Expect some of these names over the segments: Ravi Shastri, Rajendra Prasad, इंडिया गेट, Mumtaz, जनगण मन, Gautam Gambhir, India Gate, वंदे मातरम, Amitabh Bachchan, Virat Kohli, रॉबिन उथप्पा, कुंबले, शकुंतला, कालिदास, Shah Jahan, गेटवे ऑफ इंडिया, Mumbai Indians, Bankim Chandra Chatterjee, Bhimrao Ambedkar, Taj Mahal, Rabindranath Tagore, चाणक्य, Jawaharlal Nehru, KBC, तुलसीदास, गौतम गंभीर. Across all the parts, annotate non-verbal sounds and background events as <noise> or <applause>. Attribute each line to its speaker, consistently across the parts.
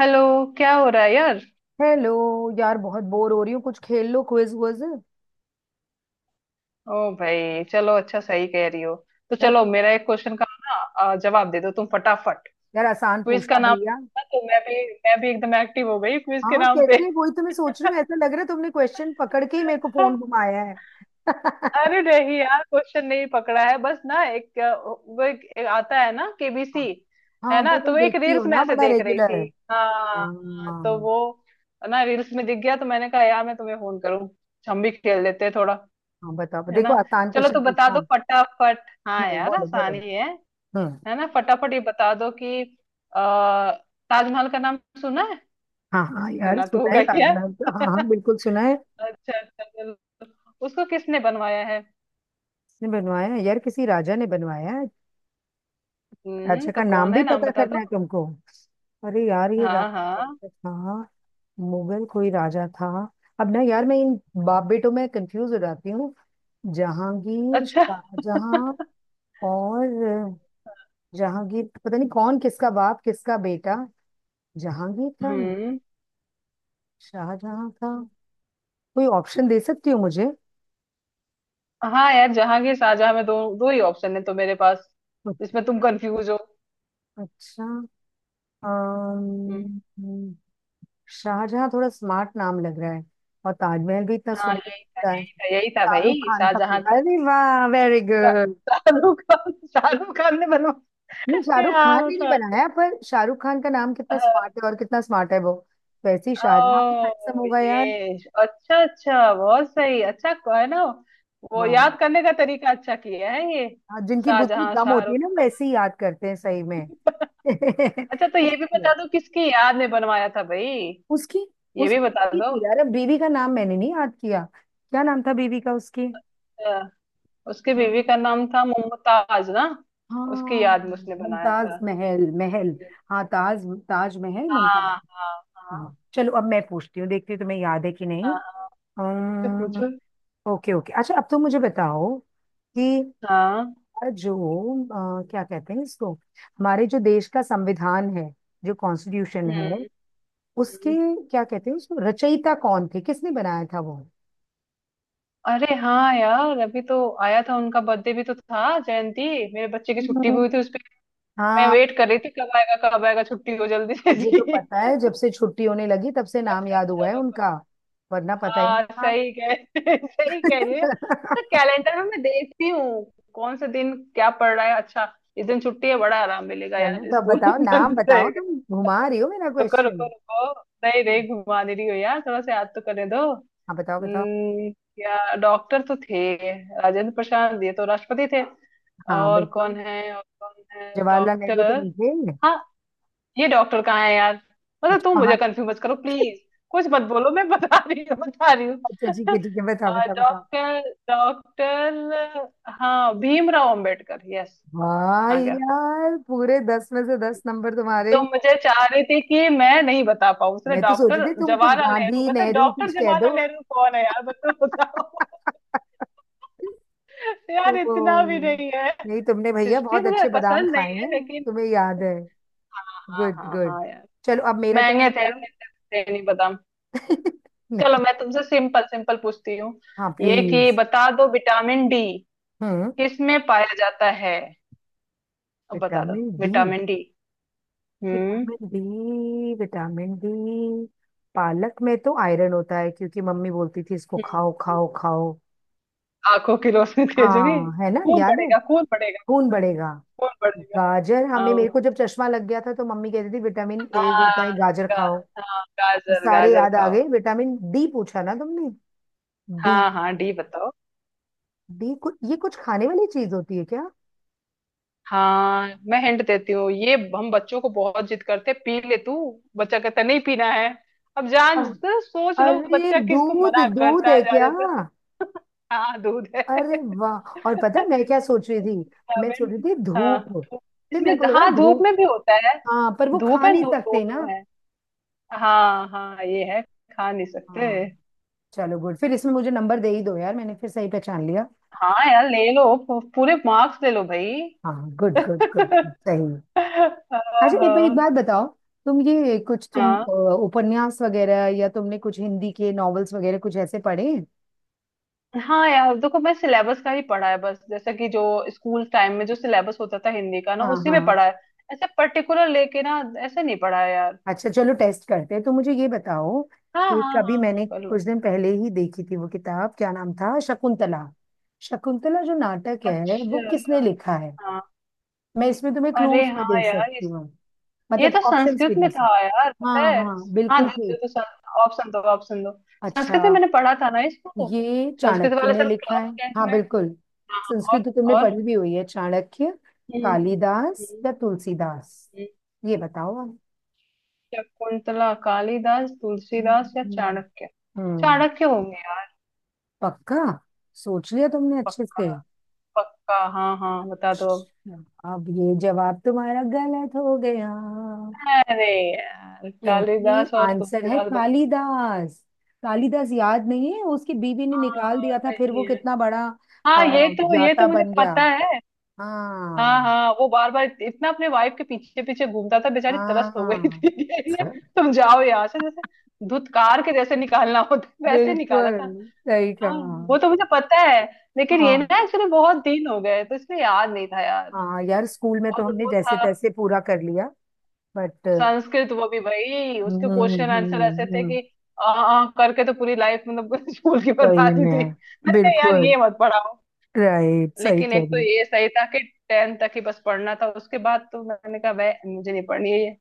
Speaker 1: Hello. क्या हो रहा है यार?
Speaker 2: हेलो। यार बहुत बोर हो रही हूँ, कुछ खेल लो, क्विज वुइज यार।
Speaker 1: ओ भाई चलो, अच्छा सही कह रही हो। तो चलो, मेरा एक क्वेश्चन का ना जवाब दे दो तुम फटाफट।
Speaker 2: यार आसान
Speaker 1: क्विज
Speaker 2: पूछना
Speaker 1: का नाम
Speaker 2: भैया।
Speaker 1: था तो मैं भी एकदम एक्टिव हो गई क्विज के
Speaker 2: हाँ,
Speaker 1: नाम पे।
Speaker 2: कैसे? वही तो मैं सोच रही हूँ, ऐसा लग रहा है तुमने क्वेश्चन पकड़ के ही मेरे को फोन
Speaker 1: <laughs>
Speaker 2: घुमाया है। <laughs>
Speaker 1: अरे नहीं यार, क्वेश्चन नहीं पकड़ा है, बस ना एक वो एक आता है ना, केबीसी। है
Speaker 2: हाँ,
Speaker 1: ना,
Speaker 2: वो
Speaker 1: तो
Speaker 2: तुम
Speaker 1: वो एक
Speaker 2: देखती हो
Speaker 1: रील्स में
Speaker 2: ना
Speaker 1: ऐसे
Speaker 2: बड़ा
Speaker 1: देख रही
Speaker 2: रेगुलर।
Speaker 1: थी। हाँ
Speaker 2: हाँ
Speaker 1: हाँ, तो
Speaker 2: हाँ।
Speaker 1: वो ना रील्स में दिख गया तो मैंने कहा यार मैं तुम्हें फोन करूं, हम भी खेल लेते हैं थोड़ा।
Speaker 2: हाँ, बताओ,
Speaker 1: है
Speaker 2: देखो
Speaker 1: ना,
Speaker 2: आसान
Speaker 1: चलो तो
Speaker 2: क्वेश्चन
Speaker 1: बता दो
Speaker 2: पूछना।
Speaker 1: फटाफट। हाँ यार,
Speaker 2: बोलो बोलो।
Speaker 1: आसानी है।
Speaker 2: हम्म।
Speaker 1: है ना? फटाफट ये बता दो कि आ, ताजमहल का नाम सुना है?
Speaker 2: हाँ हाँ यार,
Speaker 1: सुना तो
Speaker 2: सुना
Speaker 1: होगा
Speaker 2: है
Speaker 1: ही यार।
Speaker 2: ताजमहल का। हाँ हाँ
Speaker 1: <laughs>
Speaker 2: बिल्कुल सुना है।
Speaker 1: अच्छा अच्छा, चलो, उसको किसने बनवाया है?
Speaker 2: किसने बनवाया है? यार किसी राजा ने बनवाया है।
Speaker 1: हम्म,
Speaker 2: राजा का
Speaker 1: तो
Speaker 2: नाम
Speaker 1: कौन
Speaker 2: भी
Speaker 1: है, नाम
Speaker 2: पता
Speaker 1: बता
Speaker 2: करना
Speaker 1: दो।
Speaker 2: है तुमको? अरे यार, ये
Speaker 1: हाँ
Speaker 2: राजा कौन
Speaker 1: हाँ।
Speaker 2: सा था। मुगल कोई राजा था। अब ना यार, मैं इन बाप बेटों में कंफ्यूज हो जाती हूँ। जहांगीर,
Speaker 1: अच्छा।
Speaker 2: शाहजहां।
Speaker 1: <laughs>
Speaker 2: और जहांगीर, पता नहीं कौन किसका बाप किसका बेटा। जहांगीर था,
Speaker 1: हम्म।
Speaker 2: शाहजहां था। कोई ऑप्शन दे सकती हो मुझे?
Speaker 1: हाँ यार, जहांगीर शाहजहां में दो दो ही ऑप्शन है तो मेरे पास, इसमें तुम कंफ्यूज हो?
Speaker 2: अच्छा।
Speaker 1: हम्म।
Speaker 2: अम्म, शाहजहां थोड़ा स्मार्ट नाम लग रहा है। और ताजमहल भी इतना
Speaker 1: हाँ,
Speaker 2: सुंदर
Speaker 1: ये
Speaker 2: दिखता है
Speaker 1: यही था
Speaker 2: शाहरुख
Speaker 1: भाई,
Speaker 2: खान का।
Speaker 1: शाहजहां था।
Speaker 2: अरे वाह, वेरी
Speaker 1: शा-
Speaker 2: गुड।
Speaker 1: शाहरुख खान, शाहरुख खान ने बनवाया।
Speaker 2: नहीं,
Speaker 1: <laughs>
Speaker 2: शाहरुख खान
Speaker 1: यार,
Speaker 2: ने नहीं
Speaker 1: मतलब।
Speaker 2: बनाया, पर शाहरुख खान का नाम कितना स्मार्ट है और कितना स्मार्ट है वो। वैसे ही शाहजहां भी हैंडसम
Speaker 1: ओ
Speaker 2: होगा यार।
Speaker 1: ये, अच्छा अच्छा, बहुत सही। अच्छा, है ना, वो
Speaker 2: हाँ,
Speaker 1: याद करने का तरीका अच्छा किया है ये।
Speaker 2: हाँ, जिनकी बुद्धि
Speaker 1: शाहजहां
Speaker 2: कम होती है
Speaker 1: शाहरुख।
Speaker 2: ना वैसे ही याद करते हैं सही में। <laughs>
Speaker 1: अच्छा, तो
Speaker 2: अच्छा
Speaker 1: ये भी
Speaker 2: चलो।
Speaker 1: बता दो किसकी याद में बनवाया था भाई,
Speaker 2: उसकी
Speaker 1: ये भी
Speaker 2: उसकी
Speaker 1: बता
Speaker 2: बीवी
Speaker 1: दो।
Speaker 2: थी यार, अब बीवी का नाम मैंने नहीं याद किया, क्या नाम था बीवी का उसकी।
Speaker 1: अ, उसकी बीवी
Speaker 2: हम्म,
Speaker 1: का नाम था मुमताज ना, उसकी
Speaker 2: हाँ।
Speaker 1: याद में उसने बनाया था।
Speaker 2: मुमताज महल महल
Speaker 1: हम्म।
Speaker 2: हाँ, ताज ताज महल, मुमताज।
Speaker 1: हाँ हाँ हाँ
Speaker 2: हाँ चलो, अब मैं पूछती हूँ, देखती हूँ तुम्हें याद है कि नहीं।
Speaker 1: हाँ। हाँ, पूछो
Speaker 2: अम्म,
Speaker 1: पूछो।
Speaker 2: Okay okay. अच्छा अब तो मुझे बताओ कि
Speaker 1: हाँ।
Speaker 2: जो क्या कहते हैं इसको, हमारे जो देश का संविधान है, जो कॉन्स्टिट्यूशन है
Speaker 1: हम्म।
Speaker 2: उसके,
Speaker 1: हम्म।
Speaker 2: क्या कहते हैं उसको, रचयिता कौन थे, किसने बनाया था वो?
Speaker 1: अरे हाँ यार, अभी तो आया था, उनका बर्थडे भी तो था, जयंती। मेरे बच्चे की छुट्टी भी
Speaker 2: हम्म,
Speaker 1: हुई थी उस पे। मैं
Speaker 2: हाँ।
Speaker 1: वेट कर रही थी कब आएगा, कब आएगा छुट्टी, हो जल्दी से
Speaker 2: मुझे तो
Speaker 1: इसकी।
Speaker 2: पता है,
Speaker 1: <laughs>
Speaker 2: जब से छुट्टी होने लगी तब से नाम
Speaker 1: अच्छा
Speaker 2: याद हुआ
Speaker 1: अच्छा
Speaker 2: है
Speaker 1: रुको।
Speaker 2: उनका, वरना पता ही नहीं
Speaker 1: हाँ,
Speaker 2: था।
Speaker 1: सही कह <laughs> सही कह रही है। तो
Speaker 2: <laughs>
Speaker 1: कैलेंडर में मैं देखती हूँ कौन से दिन क्या पड़ रहा है। अच्छा, इस दिन छुट्टी है, बड़ा आराम मिलेगा
Speaker 2: चलो
Speaker 1: यार,
Speaker 2: तो अब
Speaker 1: स्कूल <laughs>
Speaker 2: बताओ, नाम
Speaker 1: बंद
Speaker 2: बताओ,
Speaker 1: रहेगा।
Speaker 2: तुम घुमा रही हो मेरा
Speaker 1: रुको
Speaker 2: क्वेश्चन।
Speaker 1: रुको रुको, नहीं नहीं, घुमा दे रही हो यार, थोड़ा सा याद तो करने दो।
Speaker 2: हाँ बताओ बताओ।
Speaker 1: हम्म, क्या डॉक्टर तो थे। राजेंद्र प्रसाद, ये तो राष्ट्रपति थे।
Speaker 2: हाँ
Speaker 1: और कौन
Speaker 2: बिल्कुल।
Speaker 1: है, और कौन है
Speaker 2: जवाहरलाल नेहरू
Speaker 1: डॉक्टर?
Speaker 2: तो नहीं थे?
Speaker 1: हाँ। ये डॉक्टर कहाँ है यार? मतलब तुम
Speaker 2: अच्छा।
Speaker 1: मुझे कंफ्यूज मत करो प्लीज। कुछ मत बोलो, मैं बता रही हूँ बता रही हूँ।
Speaker 2: अच्छा ठीक
Speaker 1: <laughs>
Speaker 2: है ठीक है, बताओ बताओ बताओ।
Speaker 1: डॉक्टर, डॉक्टर, हाँ भीमराव अंबेडकर, यस। आ
Speaker 2: भाई
Speaker 1: गया।
Speaker 2: यार, पूरे दस में से दस नंबर तुम्हारे।
Speaker 1: तो मुझे चाह रही थी कि मैं नहीं बता पाऊँ, उसने
Speaker 2: मैं तो सोच रही
Speaker 1: डॉक्टर
Speaker 2: थी तुम कुछ
Speaker 1: जवाहरलाल नेहरू
Speaker 2: गांधी
Speaker 1: बता।
Speaker 2: नेहरू कुछ
Speaker 1: डॉक्टर
Speaker 2: कह
Speaker 1: जवाहरलाल
Speaker 2: दो।
Speaker 1: नेहरू कौन है यार? मतलब बताओ।
Speaker 2: <laughs>
Speaker 1: <laughs> यार, इतना भी
Speaker 2: ओ,
Speaker 1: नहीं है।
Speaker 2: नहीं, तुमने भैया
Speaker 1: हिस्ट्री
Speaker 2: बहुत
Speaker 1: मुझे
Speaker 2: अच्छे बादाम
Speaker 1: पसंद
Speaker 2: खाए
Speaker 1: नहीं है,
Speaker 2: हैं,
Speaker 1: लेकिन
Speaker 2: तुम्हें याद है।
Speaker 1: हाँ हाँ
Speaker 2: गुड
Speaker 1: हाँ हाँ
Speaker 2: गुड।
Speaker 1: हाँ, यार।
Speaker 2: चलो अब मेरा टेस्ट
Speaker 1: महंगे थे,
Speaker 2: करो।
Speaker 1: मुझे नहीं पता।
Speaker 2: <laughs> नहीं।
Speaker 1: चलो, मैं तुमसे सिंपल सिंपल पूछती हूँ,
Speaker 2: हाँ
Speaker 1: ये कि
Speaker 2: प्लीज।
Speaker 1: बता दो विटामिन डी
Speaker 2: हम्म।
Speaker 1: किस में पाया जाता है, अब बता दो।
Speaker 2: Vitamin D.
Speaker 1: Vitamin D. हम्म।
Speaker 2: Vitamin D, vitamin D. पालक में तो आयरन होता है, क्योंकि मम्मी बोलती थी इसको
Speaker 1: हम्म,
Speaker 2: खाओ खाओ खाओ।
Speaker 1: आंखों की रोशनी तेज होगी,
Speaker 2: हाँ है ना,
Speaker 1: खून
Speaker 2: याद है।
Speaker 1: बढ़ेगा खून बढ़ेगा
Speaker 2: खून
Speaker 1: खून।
Speaker 2: बढ़ेगा।
Speaker 1: खून बढ़ेगा।
Speaker 2: गाजर, हमें
Speaker 1: हाँ
Speaker 2: मेरे को जब चश्मा लग गया था तो मम्मी कहती थी विटामिन ए होता है,
Speaker 1: हाँ।
Speaker 2: गाजर
Speaker 1: गा-
Speaker 2: खाओ।
Speaker 1: हाँ, गाजर
Speaker 2: सारे
Speaker 1: गाजर
Speaker 2: याद आ
Speaker 1: खाओ।
Speaker 2: गए। विटामिन डी पूछा ना तुमने? डी।
Speaker 1: हाँ हाँ, डी बताओ।
Speaker 2: डी कुछ, ये कुछ खाने वाली चीज होती है क्या?
Speaker 1: हाँ, मैं हिंट देती हूँ, ये हम बच्चों को बहुत जिद करते हैं, पी ले तू। बच्चा कहता है, नहीं पीना है। अब
Speaker 2: अ-
Speaker 1: जान तो सोच लो,
Speaker 2: अरे
Speaker 1: बच्चा किसको
Speaker 2: दूध,
Speaker 1: मना
Speaker 2: दूध
Speaker 1: करता
Speaker 2: है
Speaker 1: है
Speaker 2: क्या?
Speaker 1: ज्यादातर। हाँ, दूध है।
Speaker 2: अरे
Speaker 1: <laughs>
Speaker 2: वाह, और पता है मैं क्या सोच रही थी, मैं सोच
Speaker 1: विटामिन।
Speaker 2: रही थी
Speaker 1: हाँ,
Speaker 2: धूप। फिर
Speaker 1: इसमें
Speaker 2: मेरे को लगा
Speaker 1: हाँ, धूप
Speaker 2: धूप।
Speaker 1: में भी होता है।
Speaker 2: हाँ पर वो
Speaker 1: धूप
Speaker 2: खा
Speaker 1: है,
Speaker 2: नहीं <laughs>
Speaker 1: दूध,
Speaker 2: सकते ना।
Speaker 1: दोनों है। हाँ हाँ, ये है, खा नहीं सकते।
Speaker 2: हाँ। चलो गुड, फिर इसमें मुझे नंबर दे ही दो यार, मैंने फिर सही पहचान लिया।
Speaker 1: हाँ यार, ले लो, पूरे मार्क्स ले लो भाई।
Speaker 2: हाँ गुड गुड गुड गुड, सही।
Speaker 1: <laughs>
Speaker 2: अच्छा एक एक
Speaker 1: हाँ।
Speaker 2: बात बताओ, तुम ये कुछ तुम
Speaker 1: हाँ
Speaker 2: उपन्यास वगैरह, या तुमने कुछ हिंदी के नॉवेल्स वगैरह कुछ ऐसे पढ़े हैं?
Speaker 1: हाँ यार, देखो मैं सिलेबस का ही पढ़ा है बस, जैसा कि जो स्कूल टाइम में जो सिलेबस होता था हिंदी का ना,
Speaker 2: हाँ
Speaker 1: उसी में
Speaker 2: हाँ।
Speaker 1: पढ़ा है। ऐसे पर्टिकुलर लेके ना ऐसे नहीं पढ़ा है यार।
Speaker 2: अच्छा चलो टेस्ट करते हैं, तो मुझे ये बताओ
Speaker 1: हाँ
Speaker 2: कि
Speaker 1: हाँ
Speaker 2: कभी
Speaker 1: हाँ हाँ,
Speaker 2: मैंने
Speaker 1: कर
Speaker 2: कुछ
Speaker 1: लो।
Speaker 2: दिन पहले ही देखी थी वो किताब, क्या नाम था, शकुंतला। शकुंतला जो नाटक है वो
Speaker 1: अच्छा,
Speaker 2: किसने लिखा है?
Speaker 1: हाँ।
Speaker 2: मैं इसमें तुम्हें
Speaker 1: अरे
Speaker 2: क्लूज भी
Speaker 1: हाँ
Speaker 2: दे
Speaker 1: यार
Speaker 2: सकती हूँ,
Speaker 1: ये
Speaker 2: मतलब
Speaker 1: तो
Speaker 2: ऑप्शंस
Speaker 1: संस्कृत
Speaker 2: भी
Speaker 1: में
Speaker 2: दे।
Speaker 1: था यार, पता
Speaker 2: हाँ
Speaker 1: है।
Speaker 2: हाँ
Speaker 1: हाँ,
Speaker 2: बिल्कुल
Speaker 1: दे
Speaker 2: ठीक।
Speaker 1: दे तो, ऑप्शन दो, ऑप्शन दो।
Speaker 2: अच्छा
Speaker 1: संस्कृत में मैंने पढ़ा था ना इसको,
Speaker 2: ये
Speaker 1: संस्कृत
Speaker 2: चाणक्य
Speaker 1: वाले
Speaker 2: ने
Speaker 1: सर,
Speaker 2: लिखा है?
Speaker 1: क्लास 10
Speaker 2: हाँ
Speaker 1: में।
Speaker 2: बिल्कुल।
Speaker 1: हाँ। और
Speaker 2: संस्कृत तो तुमने
Speaker 1: और
Speaker 2: पढ़ी भी हुई है। चाणक्य,
Speaker 1: हम्म, हम्म,
Speaker 2: कालिदास
Speaker 1: हम्म,
Speaker 2: या तुलसीदास, ये बताओ आप।
Speaker 1: शकुंतला, कालिदास,
Speaker 2: हम्म,
Speaker 1: तुलसीदास या चाणक्य।
Speaker 2: हम्म,
Speaker 1: चाणक्य होंगे यार।
Speaker 2: पक्का? सोच लिया तुमने अच्छे
Speaker 1: पक्का,
Speaker 2: से?
Speaker 1: पक्का हाँ हाँ बता दो अब।
Speaker 2: अब ये जवाब तुम्हारा गलत हो गया,
Speaker 1: अरे यार,
Speaker 2: क्योंकि
Speaker 1: कालिदास और
Speaker 2: आंसर है
Speaker 1: तुलसीदास बच्चे।
Speaker 2: कालिदास। कालिदास, याद नहीं है उसकी बीवी ने निकाल
Speaker 1: हाँ
Speaker 2: दिया था, फिर
Speaker 1: नहीं
Speaker 2: वो
Speaker 1: यार,
Speaker 2: कितना बड़ा
Speaker 1: हाँ
Speaker 2: अ,
Speaker 1: ये तो, ये तो
Speaker 2: ज्ञाता
Speaker 1: मुझे
Speaker 2: बन गया।
Speaker 1: पता है। हाँ
Speaker 2: हाँ
Speaker 1: हाँ, वो बार बार इतना अपने वाइफ के पीछे पीछे घूमता था, बेचारी तरस हो गई
Speaker 2: हाँ
Speaker 1: थी। <laughs>
Speaker 2: है।
Speaker 1: तुम जाओ यहाँ से, जैसे धुतकार के जैसे निकालना होता है, वैसे निकाला
Speaker 2: बिल्कुल
Speaker 1: था।
Speaker 2: सही
Speaker 1: हाँ,
Speaker 2: कहा।
Speaker 1: वो तो मुझे पता है, लेकिन ये
Speaker 2: हाँ
Speaker 1: ना एक्चुअली बहुत दिन हो गए तो इसलिए याद नहीं था यार।
Speaker 2: हाँ यार, स्कूल में तो
Speaker 1: और
Speaker 2: हमने
Speaker 1: वो
Speaker 2: जैसे
Speaker 1: था
Speaker 2: तैसे पूरा कर लिया, बट।
Speaker 1: संस्कृत, वो भी भाई,
Speaker 2: हम्म
Speaker 1: उसके क्वेश्चन आंसर
Speaker 2: हम्म
Speaker 1: ऐसे थे
Speaker 2: हम्म,
Speaker 1: कि आ, आ, करके तो पूरी लाइफ, मतलब <laughs> स्कूल की
Speaker 2: सही
Speaker 1: बर्बादी थी।
Speaker 2: में।
Speaker 1: मैंने कहा यार
Speaker 2: बिल्कुल
Speaker 1: ये मत पढ़ाओ।
Speaker 2: राइट, सही
Speaker 1: लेकिन एक
Speaker 2: कर
Speaker 1: तो
Speaker 2: लिया।
Speaker 1: ये सही था कि 10 तक ही बस पढ़ना था, उसके बाद तो मैंने कहा वह मुझे नहीं पढ़नी है ये।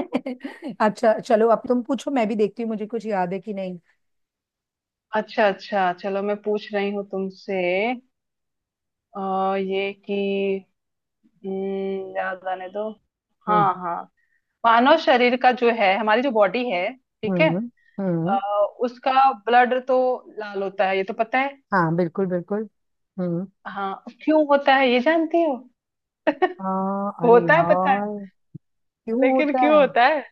Speaker 2: <laughs> अच्छा चलो अब तुम पूछो, मैं भी देखती हूँ मुझे कुछ याद है कि नहीं।
Speaker 1: अच्छा अच्छा, चलो मैं पूछ रही हूँ तुमसे। ये कि, याद आने दो। हाँ
Speaker 2: हम्म
Speaker 1: हाँ। मानव शरीर का जो है, हमारी जो बॉडी है, ठीक है,
Speaker 2: हम्म
Speaker 1: अ,
Speaker 2: हम्म।
Speaker 1: उसका ब्लड तो लाल होता है, ये तो पता है।
Speaker 2: हाँ बिल्कुल बिल्कुल। हम्म।
Speaker 1: हाँ, क्यों होता है ये जानती हो?
Speaker 2: हाँ अरे
Speaker 1: होता है पता है,
Speaker 2: यार, क्यों
Speaker 1: लेकिन
Speaker 2: होता
Speaker 1: क्यों
Speaker 2: है?
Speaker 1: होता है।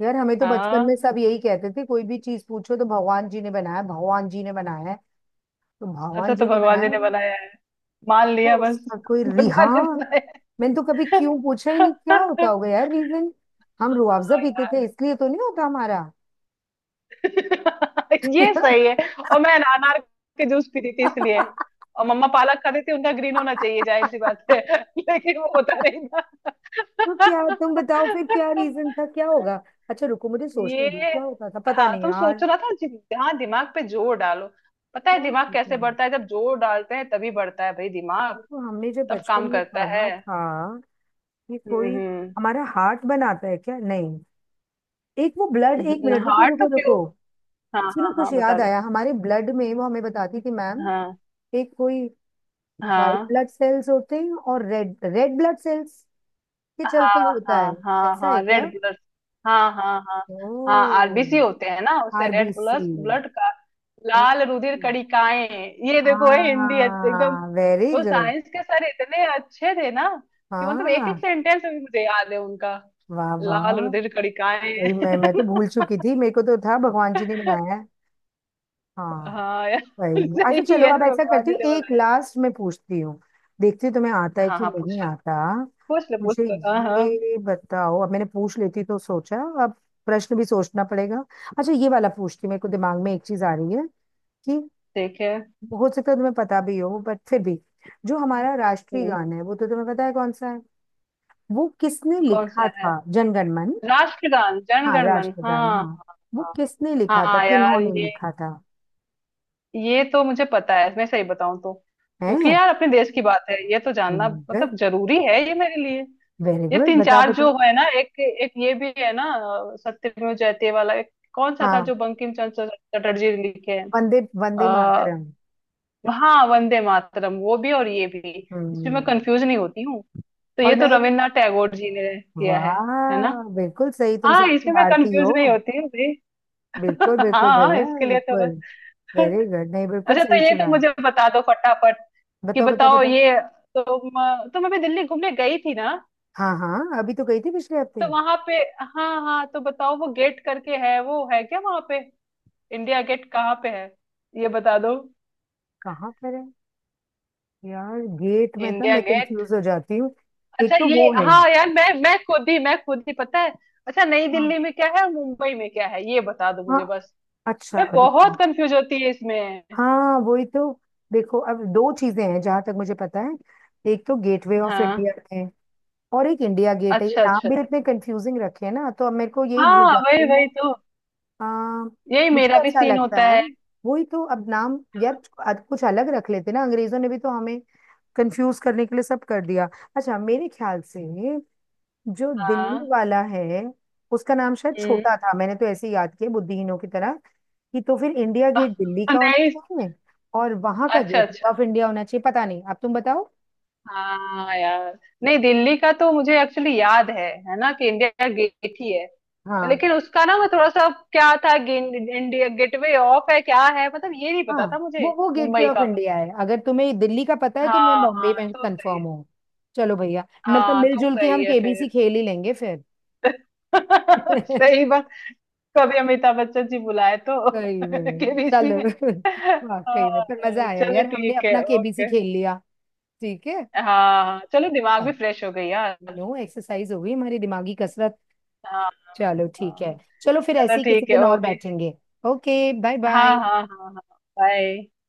Speaker 2: यार हमें तो बचपन में
Speaker 1: हाँ।
Speaker 2: सब यही कहते थे, कोई भी चीज पूछो तो भगवान जी ने बनाया, भगवान जी ने बनाया है, तो
Speaker 1: अच्छा,
Speaker 2: भगवान
Speaker 1: तो
Speaker 2: जी ने
Speaker 1: भगवान जी
Speaker 2: बनाया
Speaker 1: ने
Speaker 2: होगा।
Speaker 1: बनाया है, मान
Speaker 2: अच्छा
Speaker 1: लिया बस।
Speaker 2: उसका कोई
Speaker 1: <laughs>
Speaker 2: री,
Speaker 1: भगवान
Speaker 2: हाँ,
Speaker 1: ने बनाया
Speaker 2: मैंने तो कभी क्यों पूछा ही
Speaker 1: है।
Speaker 2: नहीं, क्या होता
Speaker 1: हाँ
Speaker 2: होगा यार रीजन। हम रुआवजा पीते थे,
Speaker 1: यार,
Speaker 2: इसलिए तो नहीं होता हमारा?
Speaker 1: <laughs> ये सही है। और मैं
Speaker 2: <laughs>
Speaker 1: अनार के जूस पीती थी, इसलिए। और मम्मा पालक खाती थी, उनका ग्रीन होना चाहिए, जाहिर सी बात है। <laughs> लेकिन वो होता नहीं था।
Speaker 2: तो क्या तुम बताओ फिर, क्या रीजन था, क्या
Speaker 1: <laughs>
Speaker 2: होगा? अच्छा रुको मुझे सोचने
Speaker 1: ये
Speaker 2: दो, क्या होता था, पता
Speaker 1: हाँ,
Speaker 2: नहीं
Speaker 1: तुम सोच
Speaker 2: यार।
Speaker 1: रहा था जि- हाँ दिमाग पे जोर डालो। पता है
Speaker 2: क्या
Speaker 1: दिमाग
Speaker 2: होता
Speaker 1: कैसे
Speaker 2: है,
Speaker 1: बढ़ता है, जब जोर डालते हैं तभी बढ़ता है भाई, दिमाग
Speaker 2: ये तो हमने जो
Speaker 1: तब
Speaker 2: बचपन
Speaker 1: काम
Speaker 2: में
Speaker 1: करता है।
Speaker 2: पढ़ा था, ये कोई
Speaker 1: हम्म।
Speaker 2: हमारा हार्ट बनाता है क्या, नहीं, एक वो ब्लड, एक
Speaker 1: हम्म।
Speaker 2: मिनट रुको
Speaker 1: हार्ट
Speaker 2: रुको
Speaker 1: तो
Speaker 2: रुको।
Speaker 1: प्योर, हाँ
Speaker 2: सुनो,
Speaker 1: हाँ
Speaker 2: कुछ
Speaker 1: हाँ बता
Speaker 2: याद
Speaker 1: दो।
Speaker 2: आया, हमारे ब्लड में वो हमें बताती थी मैम,
Speaker 1: हाँ
Speaker 2: एक कोई व्हाइट
Speaker 1: हाँ
Speaker 2: ब्लड सेल्स होते हैं और रेड रेड ब्लड सेल्स के चलते
Speaker 1: हाँ
Speaker 2: होता है।
Speaker 1: हाँ हाँ
Speaker 2: ऐसा है
Speaker 1: हाँ
Speaker 2: क्या?
Speaker 1: Red blood. हाँ हाँ हाँ हाँ,
Speaker 2: ओ।
Speaker 1: आरबीसी होते हैं ना, उसे रेड ब्लड,
Speaker 2: आरबीसी।
Speaker 1: ब्लड का। लाल रुधिर
Speaker 2: ओके।
Speaker 1: कणिकाएं। ये देखो ये हिंदी एकदम।
Speaker 2: हाँ वेरी
Speaker 1: वो
Speaker 2: गुड।
Speaker 1: साइंस के सर इतने अच्छे थे ना कि मतलब एक एक
Speaker 2: हाँ
Speaker 1: सेंटेंस भी मुझे याद है उनका।
Speaker 2: वाह
Speaker 1: लाल
Speaker 2: वाह।
Speaker 1: रुधिर
Speaker 2: सही
Speaker 1: कणिकाएं।
Speaker 2: में, मैं तो भूल चुकी थी, मेरे को तो था भगवान जी ने बनाया है।
Speaker 1: <laughs>
Speaker 2: हाँ
Speaker 1: हाँ यार,
Speaker 2: वही में। अच्छा
Speaker 1: सही
Speaker 2: चलो
Speaker 1: है,
Speaker 2: अब ऐसा
Speaker 1: भगवान
Speaker 2: करती
Speaker 1: जी
Speaker 2: हूँ,
Speaker 1: ने
Speaker 2: एक
Speaker 1: बनाया।
Speaker 2: लास्ट में पूछती हूँ, देखती हूँ तुम्हें आता है
Speaker 1: हाँ
Speaker 2: कि
Speaker 1: हाँ पूछ
Speaker 2: नहीं
Speaker 1: लो,
Speaker 2: आता।
Speaker 1: पूछ लो पूछ
Speaker 2: मुझे
Speaker 1: लो हाँ हाँ।
Speaker 2: ये बताओ, अब मैंने पूछ लेती तो सोचा, अब प्रश्न भी सोचना पड़ेगा। अच्छा ये वाला पूछती हूँ, मेरे को दिमाग में एक चीज आ रही है, कि
Speaker 1: ठीक है।
Speaker 2: हो सकता है तुम्हें पता भी हो, बट फिर भी, जो हमारा राष्ट्रीय
Speaker 1: हम्म,
Speaker 2: गान है वो तो तुम्हें पता है कौन सा है, वो किसने
Speaker 1: कौन सा
Speaker 2: लिखा
Speaker 1: है?
Speaker 2: था? जनगण मन।
Speaker 1: राष्ट्रगान,
Speaker 2: हाँ
Speaker 1: जनगण मन।
Speaker 2: राष्ट्रगान,
Speaker 1: हाँ।
Speaker 2: हाँ। वो
Speaker 1: हाँ
Speaker 2: किसने लिखा था
Speaker 1: हाँ यार,
Speaker 2: किन्होंने
Speaker 1: ये
Speaker 2: लिखा था?
Speaker 1: ये तो मुझे पता है, मैं सही बताऊं तो, क्योंकि
Speaker 2: है।
Speaker 1: यार अपने देश की बात है, ये तो जानना मतलब जरूरी है ये मेरे लिए।
Speaker 2: वेरी
Speaker 1: ये
Speaker 2: गुड,
Speaker 1: तीन
Speaker 2: बताओ
Speaker 1: चार
Speaker 2: बताओ।
Speaker 1: जो है ना, एक एक ये भी है ना, सत्यमेव जयते वाला एक कौन सा था,
Speaker 2: हाँ,
Speaker 1: जो बंकिम चंद्र चटर्जी ने लिखे हैं।
Speaker 2: वंदे वंदे
Speaker 1: आ,
Speaker 2: मातरम।
Speaker 1: हाँ, वंदे मातरम वो भी और ये भी, इसमें
Speaker 2: हम्म
Speaker 1: मैं कंफ्यूज नहीं होती हूँ। तो
Speaker 2: और
Speaker 1: ये तो
Speaker 2: मैं।
Speaker 1: रविन्द्रनाथ टैगोर जी ने किया है।
Speaker 2: वाह
Speaker 1: है ना?
Speaker 2: बिल्कुल सही, तुम
Speaker 1: हाँ,
Speaker 2: सच में
Speaker 1: इसमें मैं
Speaker 2: भारतीय
Speaker 1: कंफ्यूज
Speaker 2: हो।
Speaker 1: नहीं होती हूँ भाई।
Speaker 2: बिल्कुल
Speaker 1: <laughs>
Speaker 2: बिल्कुल
Speaker 1: हाँ हाँ,
Speaker 2: भैया
Speaker 1: इसके लिए तो
Speaker 2: बिल्कुल।
Speaker 1: बस।
Speaker 2: वेरी गुड, नहीं बिल्कुल
Speaker 1: अच्छा,
Speaker 2: सही
Speaker 1: तो ये तो
Speaker 2: चुना।
Speaker 1: मुझे बता दो फटाफट कि
Speaker 2: बताओ बताओ
Speaker 1: बताओ
Speaker 2: बताओ।
Speaker 1: ये। तुम तुम अभी दिल्ली घूमने गई थी ना,
Speaker 2: हाँ हाँ, अभी तो गई थी पिछले
Speaker 1: तो
Speaker 2: हफ्ते।
Speaker 1: वहां पे, हाँ हाँ तो बताओ, वो गेट करके है वो, है क्या वहां पे, इंडिया गेट कहाँ पे है, ये बता दो।
Speaker 2: कहाँ पर है? यार गेट में था
Speaker 1: इंडिया
Speaker 2: मैं
Speaker 1: गेट।
Speaker 2: कंफ्यूज हो जाती हूँ। एक
Speaker 1: अच्छा
Speaker 2: तो
Speaker 1: ये
Speaker 2: वो है।
Speaker 1: हाँ यार, मैं खुद ही, मैं खुद ही पता है। अच्छा, नई
Speaker 2: हाँ
Speaker 1: दिल्ली में क्या है और मुंबई में क्या है, ये बता दो
Speaker 2: हाँ।
Speaker 1: मुझे बस।
Speaker 2: अच्छा
Speaker 1: मैं
Speaker 2: रुक।
Speaker 1: बहुत कंफ्यूज होती है इसमें।
Speaker 2: हाँ वही तो, देखो अब दो चीजें हैं जहां तक मुझे पता है, एक तो गेटवे ऑफ
Speaker 1: हाँ।
Speaker 2: इंडिया है, और एक इंडिया गेट है, ये
Speaker 1: अच्छा
Speaker 2: नाम
Speaker 1: अच्छा।
Speaker 2: भी इतने कंफ्यूजिंग रखे हैं ना, तो अब मेरे को यही भूल
Speaker 1: हाँ
Speaker 2: जाती
Speaker 1: वही,
Speaker 2: हूँ
Speaker 1: वही
Speaker 2: मैं।
Speaker 1: तो,
Speaker 2: आ,
Speaker 1: यही
Speaker 2: मुझे
Speaker 1: मेरा भी
Speaker 2: ऐसा
Speaker 1: सीन
Speaker 2: लगता
Speaker 1: होता
Speaker 2: है,
Speaker 1: है।
Speaker 2: वही तो, अब नाम यार, कुछ अलग रख लेते ना अंग्रेजों ने भी तो हमें, कंफ्यूज करने के लिए सब कर दिया। अच्छा मेरे ख्याल से जो दिल्ली
Speaker 1: हाँ।
Speaker 2: वाला है, उसका नाम शायद
Speaker 1: हम्म।
Speaker 2: छोटा था, मैंने तो ऐसे ही याद किया बुद्धिहीनों की तरह कि तो फिर इंडिया गेट दिल्ली
Speaker 1: <laughs>
Speaker 2: का होना
Speaker 1: नहीं।
Speaker 2: चाहिए और वहां का
Speaker 1: अच्छा
Speaker 2: गेट
Speaker 1: अच्छा,
Speaker 2: ऑफ इंडिया होना चाहिए, पता नहीं, अब तुम बताओ।
Speaker 1: हाँ यार, नहीं दिल्ली का तो मुझे एक्चुअली याद है ना, कि इंडिया गेट ही है।
Speaker 2: हाँ
Speaker 1: लेकिन उसका ना, मैं थोड़ा सा, क्या था, इंडिया गेटवे ऑफ है, क्या है, मतलब ये नहीं पता
Speaker 2: हाँ।
Speaker 1: था मुझे।
Speaker 2: वो गेटवे
Speaker 1: मुंबई
Speaker 2: ऑफ
Speaker 1: का?
Speaker 2: इंडिया है, अगर तुम्हें दिल्ली का पता है तो मैं
Speaker 1: हाँ
Speaker 2: बॉम्बे
Speaker 1: हाँ
Speaker 2: में
Speaker 1: तो सही
Speaker 2: कंफर्म
Speaker 1: है।
Speaker 2: हूँ। चलो भैया, मतलब
Speaker 1: हाँ तो
Speaker 2: मिलजुल के
Speaker 1: सही
Speaker 2: हम
Speaker 1: है
Speaker 2: केबीसी
Speaker 1: फिर।
Speaker 2: खेल ही लेंगे फिर।
Speaker 1: <laughs> सही
Speaker 2: <laughs>
Speaker 1: बात। कभी अमिताभ बच्चन जी बुलाए तो
Speaker 2: सही
Speaker 1: <laughs>
Speaker 2: में
Speaker 1: केबीसी
Speaker 2: चलो।
Speaker 1: में।
Speaker 2: <laughs> वाकई में, पर मजा
Speaker 1: हाँ,
Speaker 2: आया
Speaker 1: चलो
Speaker 2: यार, हमने
Speaker 1: ठीक है,
Speaker 2: अपना केबीसी
Speaker 1: ओके।
Speaker 2: खेल लिया। ठीक है।
Speaker 1: हाँ हाँ, चलो, दिमाग भी फ्रेश हो गई यार।
Speaker 2: नो, एक्सरसाइज हो गई हमारी, दिमागी कसरत।
Speaker 1: हाँ।
Speaker 2: चलो ठीक
Speaker 1: हाँ,
Speaker 2: है। चलो फिर
Speaker 1: चलो
Speaker 2: ऐसे ही किसी
Speaker 1: ठीक है,
Speaker 2: दिन और
Speaker 1: ओके।
Speaker 2: बैठेंगे। ओके, बाय
Speaker 1: हाँ
Speaker 2: बाय।
Speaker 1: हाँ हाँ हाँ, बाय।